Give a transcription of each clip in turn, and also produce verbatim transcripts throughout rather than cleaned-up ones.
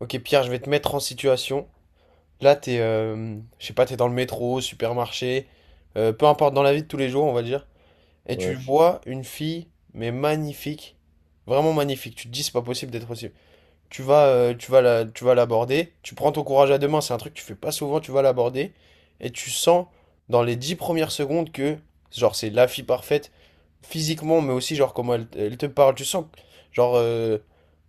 Ok Pierre, je vais te mettre en situation. Là, t'es, euh, je sais pas, t'es dans le métro, supermarché, euh, peu importe, dans la vie de tous les jours, on va dire. Et tu Ouais, vois une fille, mais magnifique, vraiment magnifique. Tu te dis, c'est pas possible d'être aussi. Tu vas, euh, tu vas la, tu vas l'aborder. Tu prends ton courage à deux mains. C'est un truc que tu fais pas souvent. Tu vas l'aborder et tu sens dans les dix premières secondes que, genre, c'est la fille parfaite physiquement, mais aussi genre comment elle, elle te parle. Tu sens, que, genre, euh,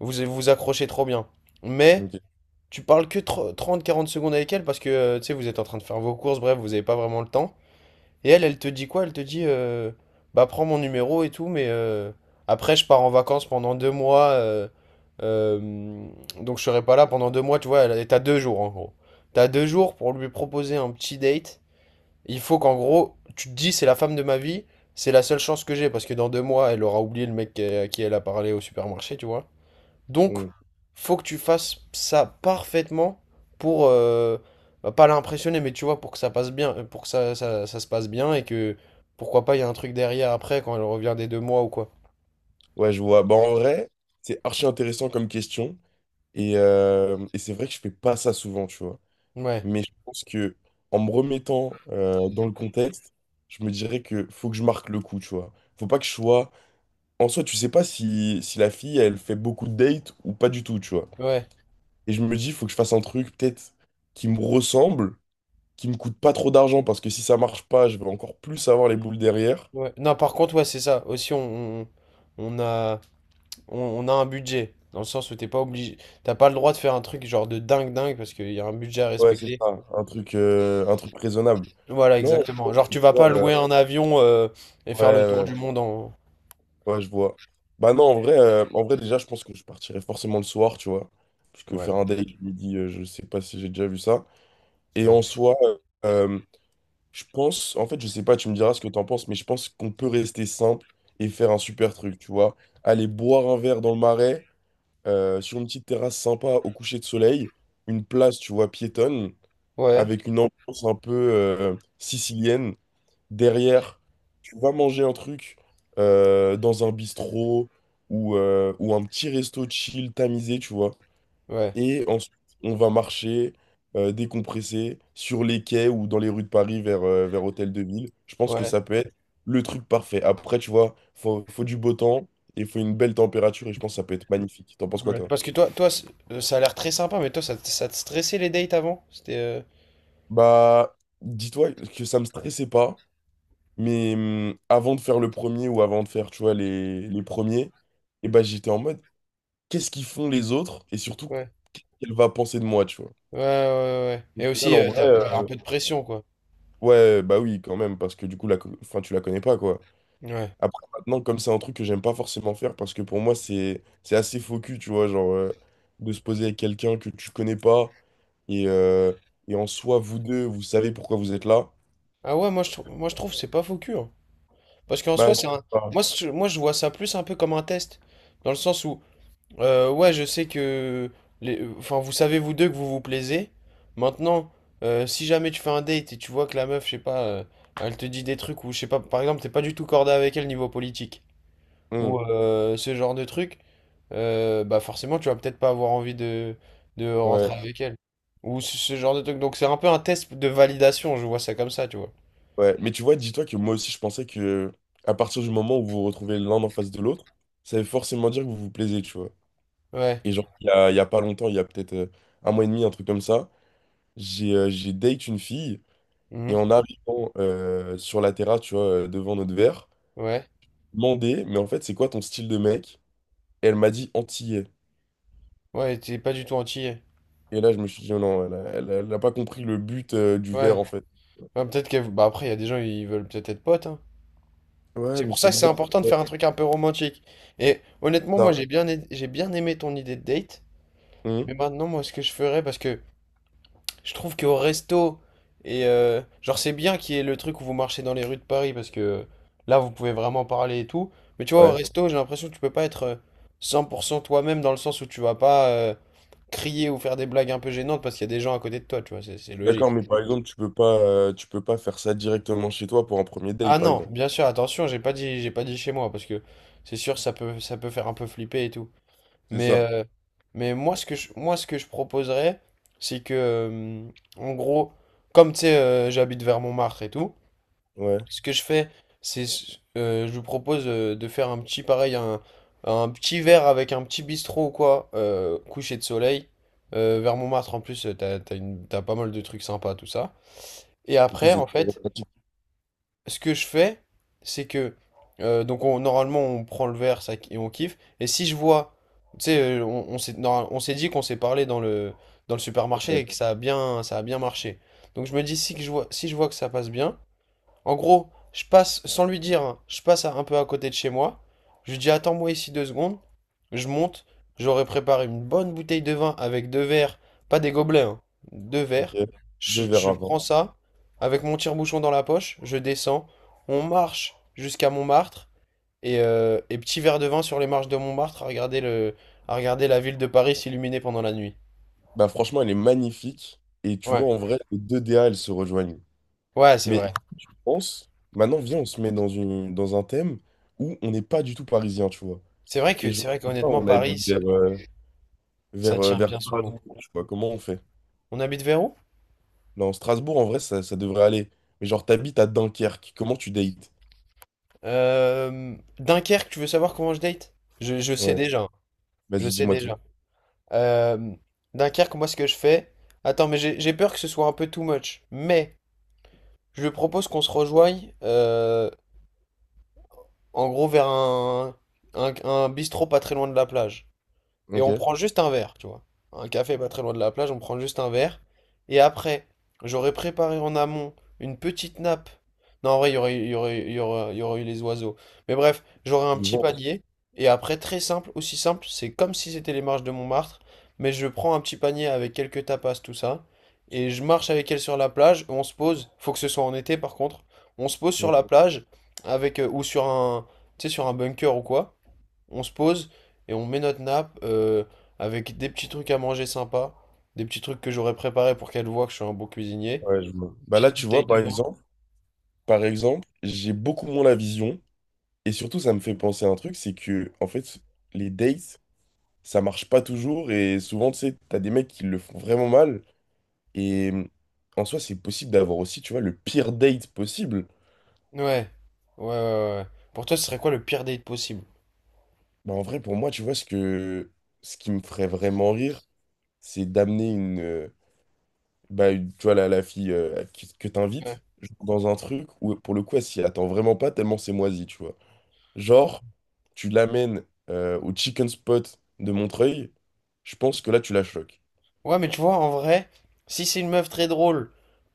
vous vous accrochez trop bien. Mais ok. tu parles que trente quarante secondes avec elle parce que euh, tu sais, vous êtes en train de faire vos courses, bref, vous n'avez pas vraiment le temps. Et elle, elle te dit quoi? Elle te dit euh, bah prends mon numéro et tout, mais euh, après je pars en vacances pendant deux mois, euh, euh, donc je serai pas là pendant deux mois, tu vois, elle- et t'as deux jours en gros. T'as deux jours pour lui proposer un petit date. Il faut qu'en gros, tu te dis c'est la femme de ma vie, c'est la seule chance que j'ai parce que dans deux mois, elle aura oublié le mec qu'elle- à qui elle a parlé au supermarché, tu vois. Donc, Mm. faut que tu fasses ça parfaitement pour euh, bah, pas l'impressionner, mais tu vois, pour que ça passe bien, euh, pour que ça, ça, ça se passe bien et que pourquoi pas, il y a un truc derrière après quand elle revient des deux mois ou quoi. Ouais, je vois. Bah, en vrai, c'est archi intéressant comme question. Et, euh, et c'est vrai que je fais pas ça souvent, tu vois. Ouais, Mais je pense que en me remettant euh, dans le contexte, je me dirais que faut que je marque le coup, tu vois. Faut pas que je sois. En soi, tu sais pas si, si la fille, elle fait beaucoup de dates ou pas du tout, tu vois. ouais, Et je me dis, faut que je fasse un truc peut-être qui me ressemble, qui me coûte pas trop d'argent, parce que si ça marche pas, je vais encore plus avoir les boules derrière. ouais. Non, par contre, ouais, c'est ça. Aussi, on, on, on a, on, on a un budget. Dans le sens où t'es pas obligé, t'as pas le droit de faire un truc genre de dingue dingue parce qu'il y a un budget à Ouais, c'est respecter. ça, un truc, euh, un truc raisonnable. Voilà, Non, je exactement. pense Genre, que, tu tu vas pas vois, euh, louer un avion euh, et faire le tour du ouais, monde en. ouais, ouais, je vois. Bah non, en vrai, euh, en vrai, déjà, je pense que je partirais forcément le soir, tu vois. Parce que Ouais, faire un date le midi, euh, je sais pas si j'ai déjà vu ça. Et ouais, en soi, euh, je pense, en fait, je sais pas, tu me diras ce que t'en penses, mais je pense qu'on peut rester simple et faire un super truc, tu vois. Aller boire un verre dans le marais, euh, sur une petite terrasse sympa au coucher de soleil, une place, tu vois, piétonne, ouais, avec une ambiance un peu, euh, sicilienne. Derrière, tu vas manger un truc euh, dans un bistrot ou, euh, ou un petit resto chill tamisé, tu vois. ouais. Et ensuite, on va marcher, euh, décompresser sur les quais ou dans les rues de Paris vers, euh, vers Hôtel de Ville. Je pense que Ouais. ça peut être le truc parfait. Après, tu vois, faut, faut du beau temps et faut une belle température et je pense que ça peut être magnifique. T'en penses quoi, Ouais, toi? parce que toi, toi, c- euh, ça a l'air très sympa, mais toi, ça, te- ça te stressait les dates avant? C'était, euh, Bah, dis-toi que ça me stressait pas. Mais hum, avant de faire le premier ou avant de faire, tu vois, les, les premiers, et ben j'étais en mode, qu'est-ce qu'ils font les autres? Et surtout, Ouais, qu'est-ce qu'elle va penser de moi, tu vois? ouais, ouais, ouais. Au Et final, aussi, en euh, vrai, t'as, euh, ouais, un peu de pression, quoi. ouais, bah oui, quand même, parce que du coup, la, co- enfin, tu la connais pas, quoi. Ouais. Après, maintenant, comme c'est un truc que j'aime pas forcément faire, parce que pour moi, c'est, c'est assez faux cul, tu vois, genre, euh, de se poser avec quelqu'un que tu connais pas, et, euh, et en soi, vous deux, vous savez pourquoi vous êtes là, Ah ouais, moi je trouve, moi je trouve que c'est pas faux cul, hein. Parce qu'en bah, soi, je c'est un, sais moi, pas. je- moi, je vois ça plus un peu comme un test, dans le sens où, euh, ouais, je sais que, les, enfin, vous savez vous deux que vous vous plaisez. Maintenant, euh, si jamais tu fais un date et tu vois que la meuf, je sais pas, euh, elle te dit des trucs ou je sais pas, par exemple, t'es pas du tout cordé avec elle niveau politique ou Hum, euh, ce genre de truc. Euh, bah forcément, tu vas peut-être pas avoir envie de, de rentrer, ouais. ouais, avec elle. Ou ce, ce genre de truc. Donc c'est un peu un test de validation, je vois ça comme ça, tu vois. Ouais, mais tu vois, dis-toi que moi aussi, je pensais que à partir du moment où vous vous retrouvez l'un en face de l'autre, ça veut forcément dire que vous vous plaisez, tu vois. Ouais. Et genre, il y a, il y a pas longtemps, il y a peut-être euh, un mois et demi, un truc comme ça, j'ai euh, j'ai date une fille, et Mhm. en arrivant euh, sur la terrasse, tu vois, euh, devant notre verre, Ouais. demandé, mais en fait, c'est quoi ton style de mec? Et elle m'a dit antillais. Ouais, t'es pas du tout entier. Et là, je me suis dit, oh non, elle a, elle a- elle a pas compris le but euh, du verre, Ouais. en fait. Ouais, peut-être que. Bah après, il y a des gens, ils veulent peut-être être potes, hein. Ouais, C'est mais pour ça c'est que c'est bizarre. important de faire un truc un peu romantique. Et honnêtement, moi, Ça. j'ai bien, ai- j'ai bien aimé ton idée de date. Hum, Mais maintenant, moi, ce que je ferais, parce que je trouve qu'au resto, et euh, genre, c'est bien qu'il y ait le truc où vous marchez dans les rues de Paris parce que là, vous pouvez vraiment parler et tout. Mais tu vois, au ouais. resto, j'ai l'impression que tu peux pas être euh, cent pour cent toi-même dans le sens où tu vas pas euh, crier ou faire des blagues un peu gênantes parce qu'il y a des gens à côté de toi, tu vois, c'est c'est D'accord, logique. mais par exemple, tu peux pas, euh, tu peux pas faire ça directement chez toi pour un premier date, Ah par non, exemple. bien sûr, attention, j'ai pas dit, j'ai pas dit chez moi parce que c'est sûr, ça peut, ça peut faire un peu flipper et tout. C'est Mais, ça. euh, mais moi, ce que je, moi, ce que je proposerais, c'est que, euh, en gros, comme tu sais, euh, j'habite vers Montmartre et tout. Ouais. Ce que je fais, c'est euh, je vous propose euh, de faire un petit pareil, un, un petit verre avec un petit bistrot ou quoi, euh, coucher de soleil, euh, vers Montmartre en plus, euh, t'as, t'as une- t'as pas mal de trucs sympas, tout ça. Et Du coup, après, c'est en très fait, romantique, ce que je fais, c'est que euh, donc on- normalement on prend le verre ça, et on kiffe. Et si je vois, tu sais, euh, on, on s'est normal- on s'est dit qu'on s'est parlé dans le, dans le supermarché ouais. et que ça a bien, ça a bien marché. Donc je me dis si que je vois, si je vois que ça passe bien. En gros, je passe, sans lui dire, hein, je passe à- un peu à côté de chez moi. Je lui dis, attends-moi ici deux secondes. Je monte. J'aurais préparé une bonne bouteille de vin avec deux verres, pas des gobelets, hein, deux Ok. verres. Je, Deux verres je prends avant. ça avec mon tire-bouchon dans la poche. Je descends. On marche jusqu'à Montmartre. Et, euh, et petit verre de vin sur les marches de Montmartre à regarder le, à regarder la ville de Paris s'illuminer pendant la nuit. Bah franchement, elle est magnifique. Et tu Ouais, vois, en vrai, les deux D A, elles se rejoignent. ouais, c'est Mais vrai. je pense, maintenant, viens, on se met dans une, dans un thème où on n'est pas du tout parisien, tu vois. C'est vrai Et que, c'est genre, vrai je sais pas, qu'honnêtement, on Paris, habite vers, c'est- euh, ça vers, euh, tient vers bien son nom. Strasbourg, tu vois. Comment on fait? On habite vers où? Non, Strasbourg, en vrai, ça, ça devrait aller. Mais genre, t'habites à Dunkerque. Comment tu dates? Euh, Dunkerque, tu veux savoir comment je date? Je, je sais Ouais. déjà, hein. Je Vas-y, sais dis-moi tout. déjà. Euh, Dunkerque, moi, ce que je fais. Attends, mais j'ai j'ai peur que ce soit un peu too much. Mais je propose qu'on se rejoigne, euh, en gros, vers un, un, un bistrot pas très loin de la plage. Et Ok. on prend juste un verre, tu vois. Un café pas très loin de la plage, on prend juste un verre. Et après, j'aurais préparé en amont une petite nappe. Non, en vrai, il y aurait, il y aurait, il y aurait, il y aurait eu les oiseaux. Mais bref, j'aurais un Du petit vent. panier. Et après, très simple, aussi simple, c'est comme si c'était les marches de Montmartre. Mais je prends un petit panier avec quelques tapas, tout ça. Et je marche avec elle sur la plage. On se pose. Faut que ce soit en été, par contre. On se pose sur Mm. la plage avec, euh, ou sur un, tu sais, sur un bunker ou quoi. On se pose et on met notre nappe euh, avec des petits trucs à manger sympas, des petits trucs que j'aurais préparés pour qu'elle voit que je suis un bon cuisinier. Ouais, je vois. Bah là, Petite tu bouteille vois, par de vin. exemple, par exemple, j'ai beaucoup moins la vision. Et surtout, ça me fait penser à un truc, c'est que, en fait, les dates, ça marche pas toujours. Et souvent, tu sais, t'as des mecs qui le font vraiment mal. Et euh, en soi, c'est possible d'avoir aussi, tu vois, le pire date possible. Ouais, ouais, ouais, ouais. Pour toi, ce serait quoi le pire date possible? Bah, en vrai, pour moi, tu vois, ce que, ce qui me ferait vraiment rire, c'est d'amener une, euh, bah, une- tu vois, la, la fille euh, que, que Ouais. t'invites dans un truc où, pour le coup, elle s'y attend vraiment pas tellement c'est moisi, tu vois. Genre, tu l'amènes euh, au chicken spot de Montreuil, je pense que là, tu la choques. Ouais, mais tu vois, en vrai, si c'est une meuf très drôle,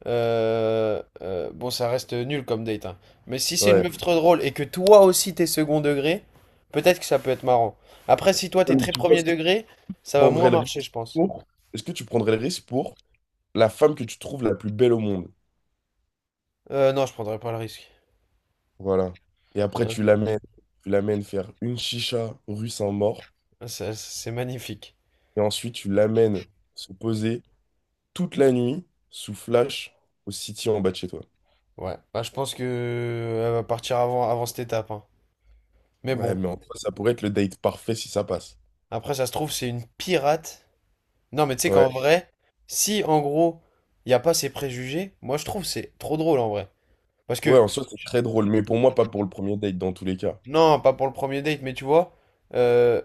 euh, euh, bon, ça reste nul comme date, hein. Mais si c'est une Ouais. meuf trop drôle et que toi aussi t'es second degré, peut-être que ça peut être marrant. Après, si toi t'es Ouais, mais très tu vois, premier si tu degré, ça va moins prendrais le risque marcher, je pense. pour... Est-ce que tu prendrais le risque pour la femme que tu trouves la plus belle au monde? Euh, non, je prendrais pas le risque. Voilà. Et après, Non, je tu prendrais. l'amènes, tu l'amènes faire une chicha rue Saint-Maur. Ça- C'est magnifique. Et ensuite, tu l'amènes se poser toute la nuit sous flash au city en bas de chez toi. Ouais. Bah, je pense que elle va partir avant, avant cette étape, hein. Mais Ouais, bon, mais en soi, ça pourrait être le date parfait si ça passe. après, ça se trouve, c'est une pirate. Non, mais tu sais Ouais. qu'en vrai, si en gros, il n'y a pas ces préjugés, moi je trouve que c'est trop drôle en vrai. Parce Ouais, que, en soi, c'est très drôle. Mais pour moi, pas pour le premier date dans tous les cas. non, pas pour le premier date, mais tu vois, euh,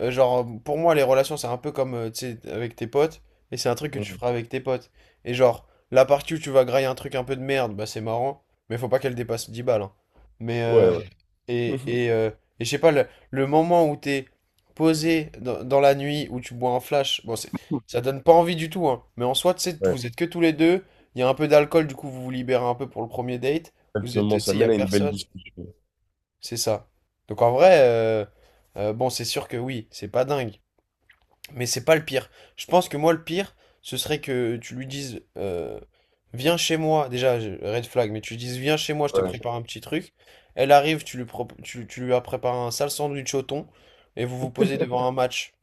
Euh, genre, pour moi, les relations, c'est un peu comme, euh, tu sais, avec tes potes, et c'est un truc que tu feras avec tes potes. Et genre, la partie où tu vas grailler un truc un peu de merde, bah c'est marrant, mais faut pas qu'elle dépasse dix balles, hein. Mais, Ouais, euh, ouais, et, Mhm. et, euh, et je sais pas, le, le moment où t'es posé dans, dans la nuit, où tu bois un flash, bon, c'est, ça donne pas envie du tout, hein. Mais en soi, tu sais, ouais, vous êtes que tous les deux, il y a un peu d'alcool, du coup, vous vous libérez un peu pour le premier date, vous êtes, tu exactement. Ça sais, il y a mène à une belle personne, discussion. c'est ça. Donc en vrai, euh, euh, bon, c'est sûr que oui, c'est pas dingue. Mais c'est pas le pire. Je pense que moi, le pire, ce serait que tu lui dises euh, viens chez moi. Déjà, je- red flag, mais tu lui dises viens chez moi, je te Ouais. prépare un petit truc. Elle arrive, tu lui, prop- tu, tu lui as préparé un sale sandwich au thon et vous vous posez devant un match.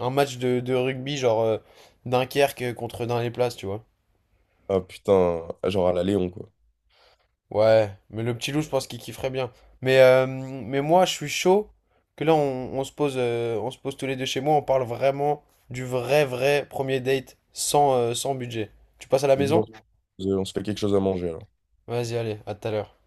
Un match de, de rugby, genre euh, Dunkerque contre dans les, tu vois. Ah putain, ah, genre à la Léon, quoi. Ouais, mais le petit loup, je pense qu'il kifferait bien. Mais, euh, mais moi, je suis chaud que là, on, on se pose, euh, on se pose tous les deux chez moi, on parle vraiment du vrai, vrai premier date sans, euh, sans budget. Tu passes à la Et viens, maison? on se on se fait quelque chose à manger, alors. Vas-y, allez, à tout à l'heure.